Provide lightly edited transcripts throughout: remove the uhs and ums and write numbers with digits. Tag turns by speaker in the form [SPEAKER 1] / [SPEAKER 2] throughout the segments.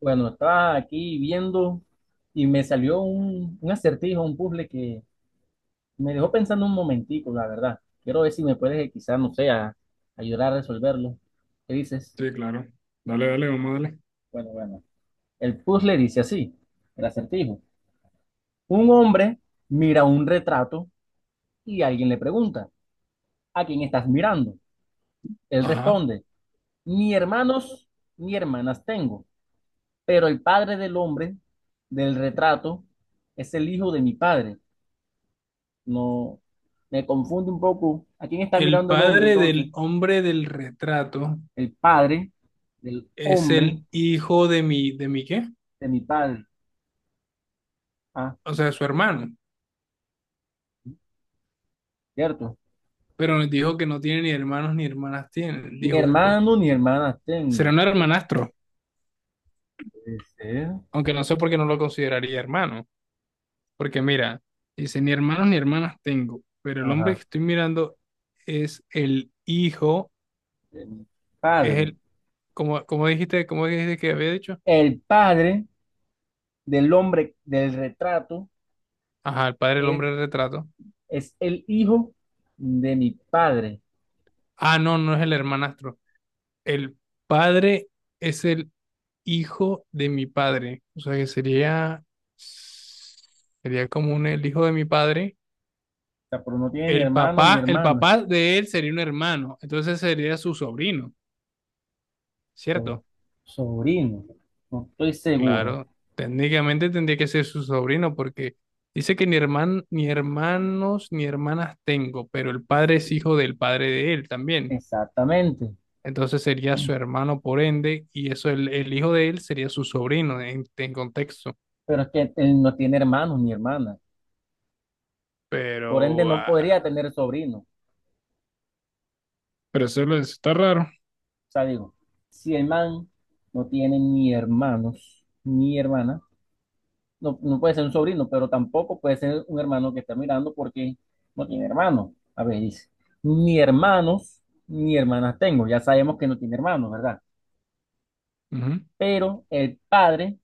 [SPEAKER 1] Bueno, estaba aquí viendo y me salió un acertijo, un puzzle que me dejó pensando un momentico, la verdad. Quiero ver si me puedes, quizás, no sé, ayudar a resolverlo. ¿Qué dices?
[SPEAKER 2] Sí, claro. Dale, dale, vamos a darle.
[SPEAKER 1] Bueno. El puzzle dice así, el acertijo. Un hombre mira un retrato y alguien le pregunta, ¿a quién estás mirando? Él
[SPEAKER 2] Ajá.
[SPEAKER 1] responde, ni hermanos ni hermanas tengo, pero el padre del hombre del retrato es el hijo de mi padre. No, me confunde un poco. ¿A quién está
[SPEAKER 2] El
[SPEAKER 1] mirando el hombre
[SPEAKER 2] padre
[SPEAKER 1] entonces?
[SPEAKER 2] del hombre del retrato
[SPEAKER 1] El padre del
[SPEAKER 2] es
[SPEAKER 1] hombre
[SPEAKER 2] el hijo ¿de mi qué?
[SPEAKER 1] de mi padre. Ah,
[SPEAKER 2] O sea, su hermano.
[SPEAKER 1] cierto.
[SPEAKER 2] Pero nos dijo que no tiene ni hermanos ni hermanas tiene,
[SPEAKER 1] Ni
[SPEAKER 2] dijo él, pues.
[SPEAKER 1] hermano ni hermanas
[SPEAKER 2] Será
[SPEAKER 1] tengo.
[SPEAKER 2] un hermanastro,
[SPEAKER 1] Puede ser.
[SPEAKER 2] aunque no sé por qué no lo consideraría hermano. Porque mira, dice, ni hermanos ni hermanas tengo, pero el hombre
[SPEAKER 1] Ajá,
[SPEAKER 2] que estoy mirando es el hijo,
[SPEAKER 1] de mi
[SPEAKER 2] es
[SPEAKER 1] padre.
[SPEAKER 2] el, como, como dijiste, ¿como dijiste que había dicho?
[SPEAKER 1] El padre del hombre del retrato
[SPEAKER 2] Ajá, el padre del
[SPEAKER 1] es,
[SPEAKER 2] hombre del retrato.
[SPEAKER 1] es el hijo de mi padre.
[SPEAKER 2] Ah, no, no es el hermanastro. El padre es el hijo de mi padre. O sea que sería, sería como un, el hijo de mi padre.
[SPEAKER 1] O sea, pero no tiene ni hermano ni
[SPEAKER 2] El
[SPEAKER 1] hermana.
[SPEAKER 2] papá de él sería un hermano. Entonces sería su sobrino,
[SPEAKER 1] So-
[SPEAKER 2] ¿cierto?
[SPEAKER 1] sobrino. No estoy seguro.
[SPEAKER 2] Claro, técnicamente tendría que ser su sobrino porque dice que ni herman-, ni hermanos ni hermanas tengo, pero el padre es hijo del padre de él también.
[SPEAKER 1] Exactamente.
[SPEAKER 2] Entonces sería su hermano por ende, y eso el hijo de él sería su sobrino en contexto.
[SPEAKER 1] Pero es que él no tiene hermanos ni hermanas, por ende
[SPEAKER 2] Pero,
[SPEAKER 1] no
[SPEAKER 2] ah,
[SPEAKER 1] podría tener sobrino.
[SPEAKER 2] pero solo es- está raro.
[SPEAKER 1] O sea, digo, si el man no tiene ni hermanos ni hermanas, no puede ser un sobrino, pero tampoco puede ser un hermano que está mirando porque no tiene hermanos. A ver, dice, ni hermanos ni hermanas tengo, ya sabemos que no tiene hermanos, ¿verdad?
[SPEAKER 2] Ujú.
[SPEAKER 1] Pero el padre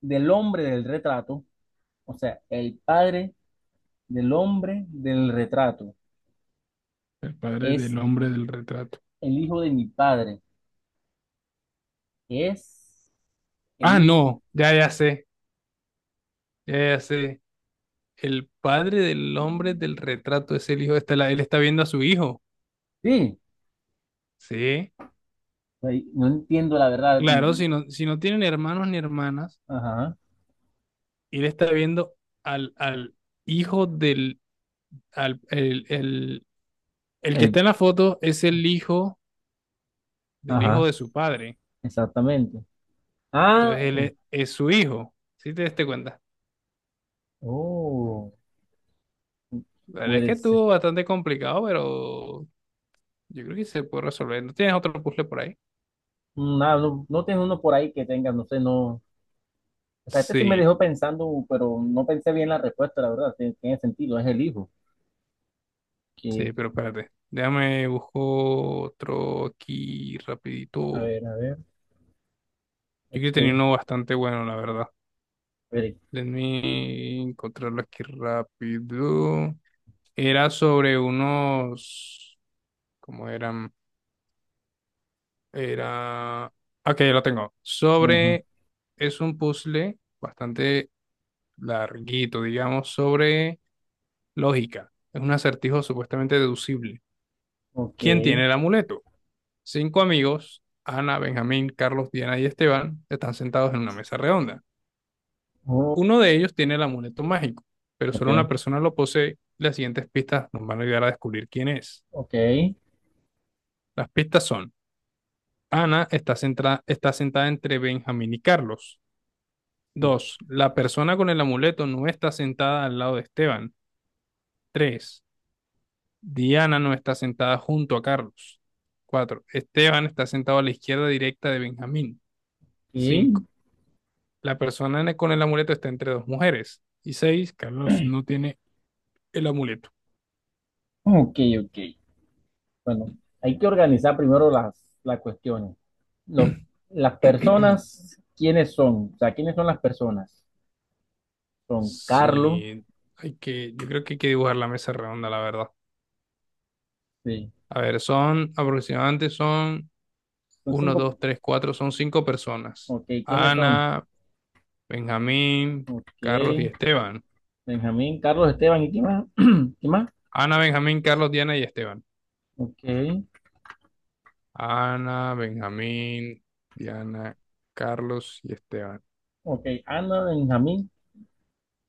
[SPEAKER 1] del hombre del retrato, o sea, el padre del hombre del retrato
[SPEAKER 2] El padre
[SPEAKER 1] es
[SPEAKER 2] del hombre del retrato.
[SPEAKER 1] el hijo de mi padre, es el
[SPEAKER 2] Ah,
[SPEAKER 1] hijo.
[SPEAKER 2] no, ya, ya sé, ya, ya sé. El padre del hombre del retrato es el hijo, está la- él está viendo a su hijo.
[SPEAKER 1] Sí,
[SPEAKER 2] Sí,
[SPEAKER 1] ahí no entiendo la verdad.
[SPEAKER 2] claro, si no, si no tienen hermanos ni hermanas,
[SPEAKER 1] Ajá,
[SPEAKER 2] él está viendo al, al hijo del, al, el que
[SPEAKER 1] ahí-
[SPEAKER 2] está en la foto es el hijo del hijo
[SPEAKER 1] ajá,
[SPEAKER 2] de su padre.
[SPEAKER 1] exactamente.
[SPEAKER 2] Entonces
[SPEAKER 1] Ah,
[SPEAKER 2] él
[SPEAKER 1] oh,
[SPEAKER 2] es su hijo. ¿Sí te diste cuenta?
[SPEAKER 1] oh,
[SPEAKER 2] La verdad es que
[SPEAKER 1] puede ser.
[SPEAKER 2] estuvo bastante complicado, pero yo creo que se puede resolver. ¿No tienes otro puzzle por ahí?
[SPEAKER 1] No tienes uno por ahí que tenga, no sé, no. O sea, este sí me
[SPEAKER 2] Sí,
[SPEAKER 1] dejó pensando, pero no pensé bien la respuesta, la verdad. Tiene sentido, es el hijo.
[SPEAKER 2] sí,
[SPEAKER 1] Que,
[SPEAKER 2] pero espérate. Déjame busco otro aquí rapidito.
[SPEAKER 1] a
[SPEAKER 2] Yo
[SPEAKER 1] ver, a ver, es
[SPEAKER 2] creo que tenía
[SPEAKER 1] que,
[SPEAKER 2] uno bastante bueno, la verdad.
[SPEAKER 1] espere.
[SPEAKER 2] Déjame encontrarlo aquí rápido. Era sobre unos... ¿Cómo eran? Era... Ok, ya lo tengo.
[SPEAKER 1] Ujú,
[SPEAKER 2] Sobre... Es un puzzle bastante larguito, digamos, sobre lógica. Es un acertijo supuestamente deducible.
[SPEAKER 1] ok,
[SPEAKER 2] ¿Quién tiene el amuleto? Cinco amigos, Ana, Benjamín, Carlos, Diana y Esteban, están sentados en una mesa redonda.
[SPEAKER 1] oh,
[SPEAKER 2] Uno de ellos tiene el amuleto mágico, pero
[SPEAKER 1] ok,
[SPEAKER 2] solo una persona lo posee. Las siguientes pistas nos van a ayudar a descubrir quién es.
[SPEAKER 1] ok,
[SPEAKER 2] Las pistas son, Ana está, centra- está sentada entre Benjamín y Carlos. Dos, la persona con el amuleto no está sentada al lado de Esteban. Tres, Diana no está sentada junto a Carlos. 4. Esteban está sentado a la izquierda directa de Benjamín. 5. La persona con el amuleto está entre dos mujeres. Y 6. Carlos no tiene el amuleto.
[SPEAKER 1] ok, ok, ok. Bueno, hay que organizar primero las cuestiones. Los- las personas, ¿quiénes son? O sea, ¿quiénes son las personas? Son Carlos,
[SPEAKER 2] Sí, hay que, yo creo que hay que dibujar la mesa redonda, la verdad.
[SPEAKER 1] sí.
[SPEAKER 2] A ver, son aproximadamente son
[SPEAKER 1] Son
[SPEAKER 2] uno,
[SPEAKER 1] cinco.
[SPEAKER 2] 2, 3, 4, son cinco personas.
[SPEAKER 1] Ok, ¿quiénes son?
[SPEAKER 2] Ana, Benjamín, Carlos y
[SPEAKER 1] Ok,
[SPEAKER 2] Esteban.
[SPEAKER 1] Benjamín, Carlos, Esteban, ¿y quién más? ¿Quién más?
[SPEAKER 2] Ana, Benjamín, Carlos, Diana y Esteban.
[SPEAKER 1] Ok,
[SPEAKER 2] Ana, Benjamín, Diana, Carlos y Esteban.
[SPEAKER 1] ok, Ana, Benjamín,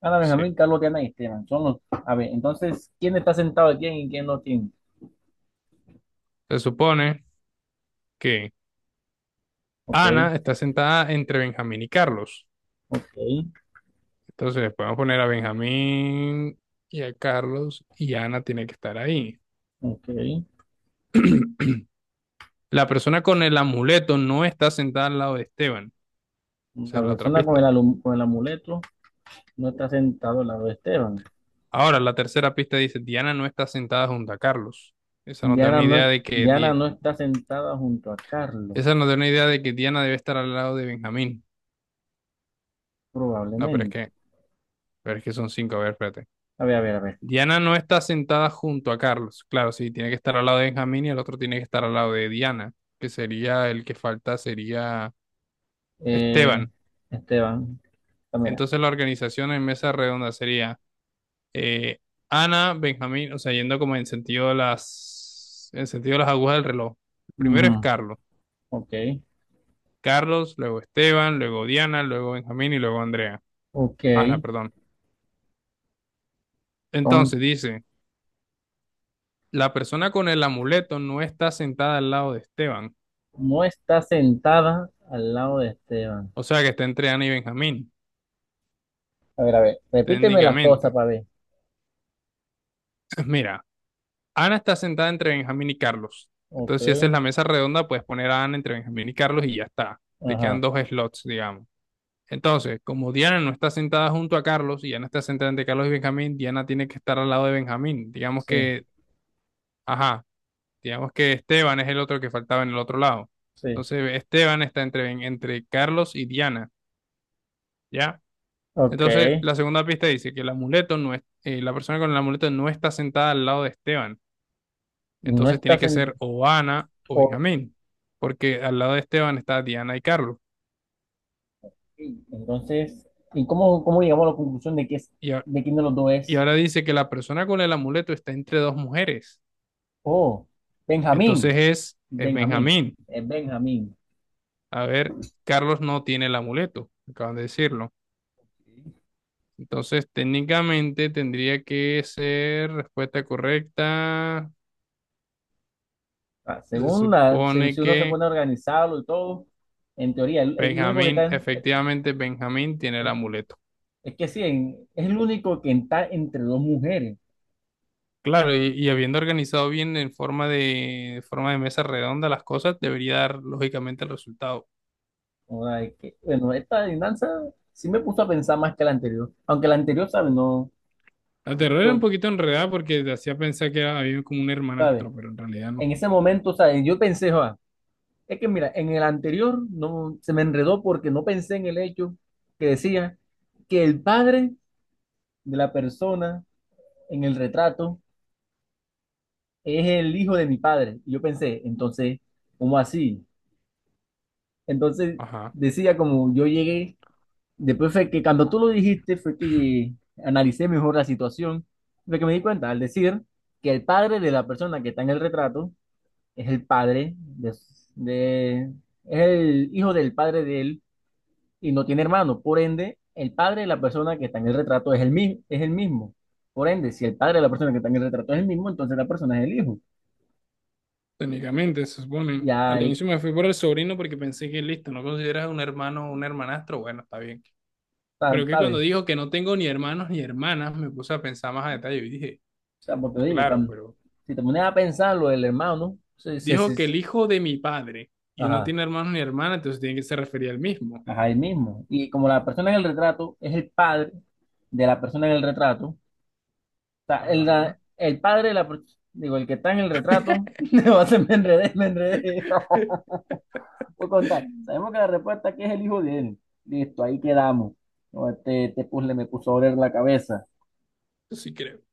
[SPEAKER 1] Ana,
[SPEAKER 2] Sí.
[SPEAKER 1] Benjamín, Carlos, Diana y Esteban. Son los. A ver, entonces, ¿quién está sentado aquí y quién no tiene?
[SPEAKER 2] Se supone que
[SPEAKER 1] Ok,
[SPEAKER 2] Ana está sentada entre Benjamín y Carlos.
[SPEAKER 1] ok,
[SPEAKER 2] Entonces podemos poner a Benjamín y a Carlos y Ana tiene que estar ahí.
[SPEAKER 1] ok.
[SPEAKER 2] La persona con el amuleto no está sentada al lado de Esteban. Esa es
[SPEAKER 1] La
[SPEAKER 2] la otra
[SPEAKER 1] persona con el,
[SPEAKER 2] pista.
[SPEAKER 1] con el amuleto no está sentado al lado de Esteban.
[SPEAKER 2] Ahora, la tercera pista dice, Diana no está sentada junto a Carlos. Esa nos da
[SPEAKER 1] Diana
[SPEAKER 2] una
[SPEAKER 1] no,
[SPEAKER 2] idea de que
[SPEAKER 1] Diana
[SPEAKER 2] Di-,
[SPEAKER 1] no está sentada junto a Carlos,
[SPEAKER 2] esa nos da una idea de que Diana debe estar al lado de Benjamín. No,
[SPEAKER 1] probablemente.
[SPEAKER 2] pero es que son cinco. A ver, espérate.
[SPEAKER 1] A ver.
[SPEAKER 2] Diana no está sentada junto a Carlos. Claro, sí, tiene que estar al lado de Benjamín y el otro tiene que estar al lado de Diana, que sería el que falta, sería
[SPEAKER 1] Eh,
[SPEAKER 2] Esteban.
[SPEAKER 1] Esteban, ah, mira.
[SPEAKER 2] Entonces la organización en mesa redonda sería eh, Ana, Benjamín, o sea, yendo como en sentido de las, en sentido de las agujas del reloj. Primero es
[SPEAKER 1] Ujú,
[SPEAKER 2] Carlos.
[SPEAKER 1] ok,
[SPEAKER 2] Carlos, luego Esteban, luego Diana, luego Benjamín y luego Andrea.
[SPEAKER 1] ok.
[SPEAKER 2] Ana, perdón.
[SPEAKER 1] Entonces,
[SPEAKER 2] Entonces dice, la persona con el amuleto no está sentada al lado de Esteban,
[SPEAKER 1] no está sentada al lado de Esteban.
[SPEAKER 2] o sea que está entre Ana y Benjamín.
[SPEAKER 1] A ver. Repíteme las cosas
[SPEAKER 2] Técnicamente.
[SPEAKER 1] para ver.
[SPEAKER 2] Mira, Ana está sentada entre Benjamín y Carlos.
[SPEAKER 1] Ok,
[SPEAKER 2] Entonces, si esa es la mesa redonda, puedes poner a Ana entre Benjamín y Carlos y ya está. Te quedan
[SPEAKER 1] ajá.
[SPEAKER 2] dos slots, digamos. Entonces, como Diana no está sentada junto a Carlos y Ana está sentada entre Carlos y Benjamín, Diana tiene que estar al lado de Benjamín. Digamos
[SPEAKER 1] Sí,
[SPEAKER 2] que, ajá, digamos que Esteban es el otro que faltaba en el otro lado.
[SPEAKER 1] sí.
[SPEAKER 2] Entonces, Esteban está entre, entre Carlos y Diana, ¿ya?
[SPEAKER 1] Ok.
[SPEAKER 2] Entonces, la segunda pista dice que el amuleto no es, la persona con el amuleto no está sentada al lado de Esteban.
[SPEAKER 1] No
[SPEAKER 2] Entonces
[SPEAKER 1] está
[SPEAKER 2] tiene que
[SPEAKER 1] sentada.
[SPEAKER 2] ser o Ana o Benjamín, porque al lado de Esteban está Diana y Carlos.
[SPEAKER 1] Entonces, ¿y cómo llegamos a la conclusión de que es,
[SPEAKER 2] Y, a-
[SPEAKER 1] de quién de los dos
[SPEAKER 2] y
[SPEAKER 1] es?
[SPEAKER 2] ahora dice que la persona con el amuleto está entre dos mujeres.
[SPEAKER 1] Oh, Benjamín.
[SPEAKER 2] Entonces es
[SPEAKER 1] Benjamín,
[SPEAKER 2] Benjamín.
[SPEAKER 1] es Benjamín.
[SPEAKER 2] A ver, Carlos no tiene el amuleto, acaban de decirlo.
[SPEAKER 1] Sí.
[SPEAKER 2] Entonces técnicamente tendría que ser respuesta correcta.
[SPEAKER 1] Ah,
[SPEAKER 2] Se
[SPEAKER 1] según la, si,
[SPEAKER 2] supone
[SPEAKER 1] si uno se
[SPEAKER 2] que
[SPEAKER 1] pone a organizarlo y todo, en teoría, el único que está,
[SPEAKER 2] Benjamín, efectivamente Benjamín tiene el
[SPEAKER 1] eh,
[SPEAKER 2] amuleto.
[SPEAKER 1] es que sí, es el único que está entre dos mujeres.
[SPEAKER 2] Claro, y habiendo organizado bien en forma de forma de mesa redonda las cosas, debería dar lógicamente el resultado.
[SPEAKER 1] O sea, es que, bueno, esta adivinanza sí me puso a pensar más que la anterior, aunque la anterior, ¿sabes? No,
[SPEAKER 2] La terror era un
[SPEAKER 1] to-
[SPEAKER 2] poquito enredada porque te hacía pensar que era- había como un
[SPEAKER 1] ¿sabes?
[SPEAKER 2] hermanastro, pero en realidad no.
[SPEAKER 1] En ese momento, ¿sabes? Yo pensé, "Joa, es que mira, en el anterior no, se me enredó porque no pensé en el hecho que decía que el padre de la persona en el retrato es el hijo de mi padre. Y yo pensé, entonces, ¿cómo así? Entonces
[SPEAKER 2] Ajá.
[SPEAKER 1] decía como yo llegué, después fue que cuando tú lo dijiste fue que analicé mejor la situación, fue que me di cuenta al decir que el padre de la persona que está en el retrato es el padre de, de- es el hijo del padre de él y no tiene hermano. Por ende, el padre de la persona que está en el retrato es el, es el mismo. Por ende, si el padre de la persona que está en el retrato es el mismo, entonces la persona es el hijo.
[SPEAKER 2] Técnicamente, se supone.
[SPEAKER 1] Ya,
[SPEAKER 2] Al
[SPEAKER 1] ahí
[SPEAKER 2] inicio me fui por el sobrino porque pensé que listo, ¿no consideras un hermano o un hermanastro? Bueno, está bien.
[SPEAKER 1] está,
[SPEAKER 2] Pero que cuando
[SPEAKER 1] ¿sabes?
[SPEAKER 2] dijo que no tengo ni hermanos ni hermanas, me puse a pensar más a detalle y dije,
[SPEAKER 1] O sea, porque digo,
[SPEAKER 2] claro, pero
[SPEAKER 1] si te pones a pensarlo, el hermano, sí, sí,
[SPEAKER 2] dijo que
[SPEAKER 1] sí,
[SPEAKER 2] el hijo de mi padre y no
[SPEAKER 1] ajá,
[SPEAKER 2] tiene hermanos ni hermanas, entonces tiene que se refería al mismo.
[SPEAKER 1] ajá, él mismo. Y como la persona en el retrato es el padre de la persona en el retrato, o sea, el,
[SPEAKER 2] Ajá.
[SPEAKER 1] el padre de la, digo, el que está en el retrato, no, se me enredé, me enredé. Por contar, sabemos que la respuesta aquí es el hijo de él. Listo, ahí quedamos. No, este puzzle me puso a oler la cabeza.
[SPEAKER 2] Sí creo.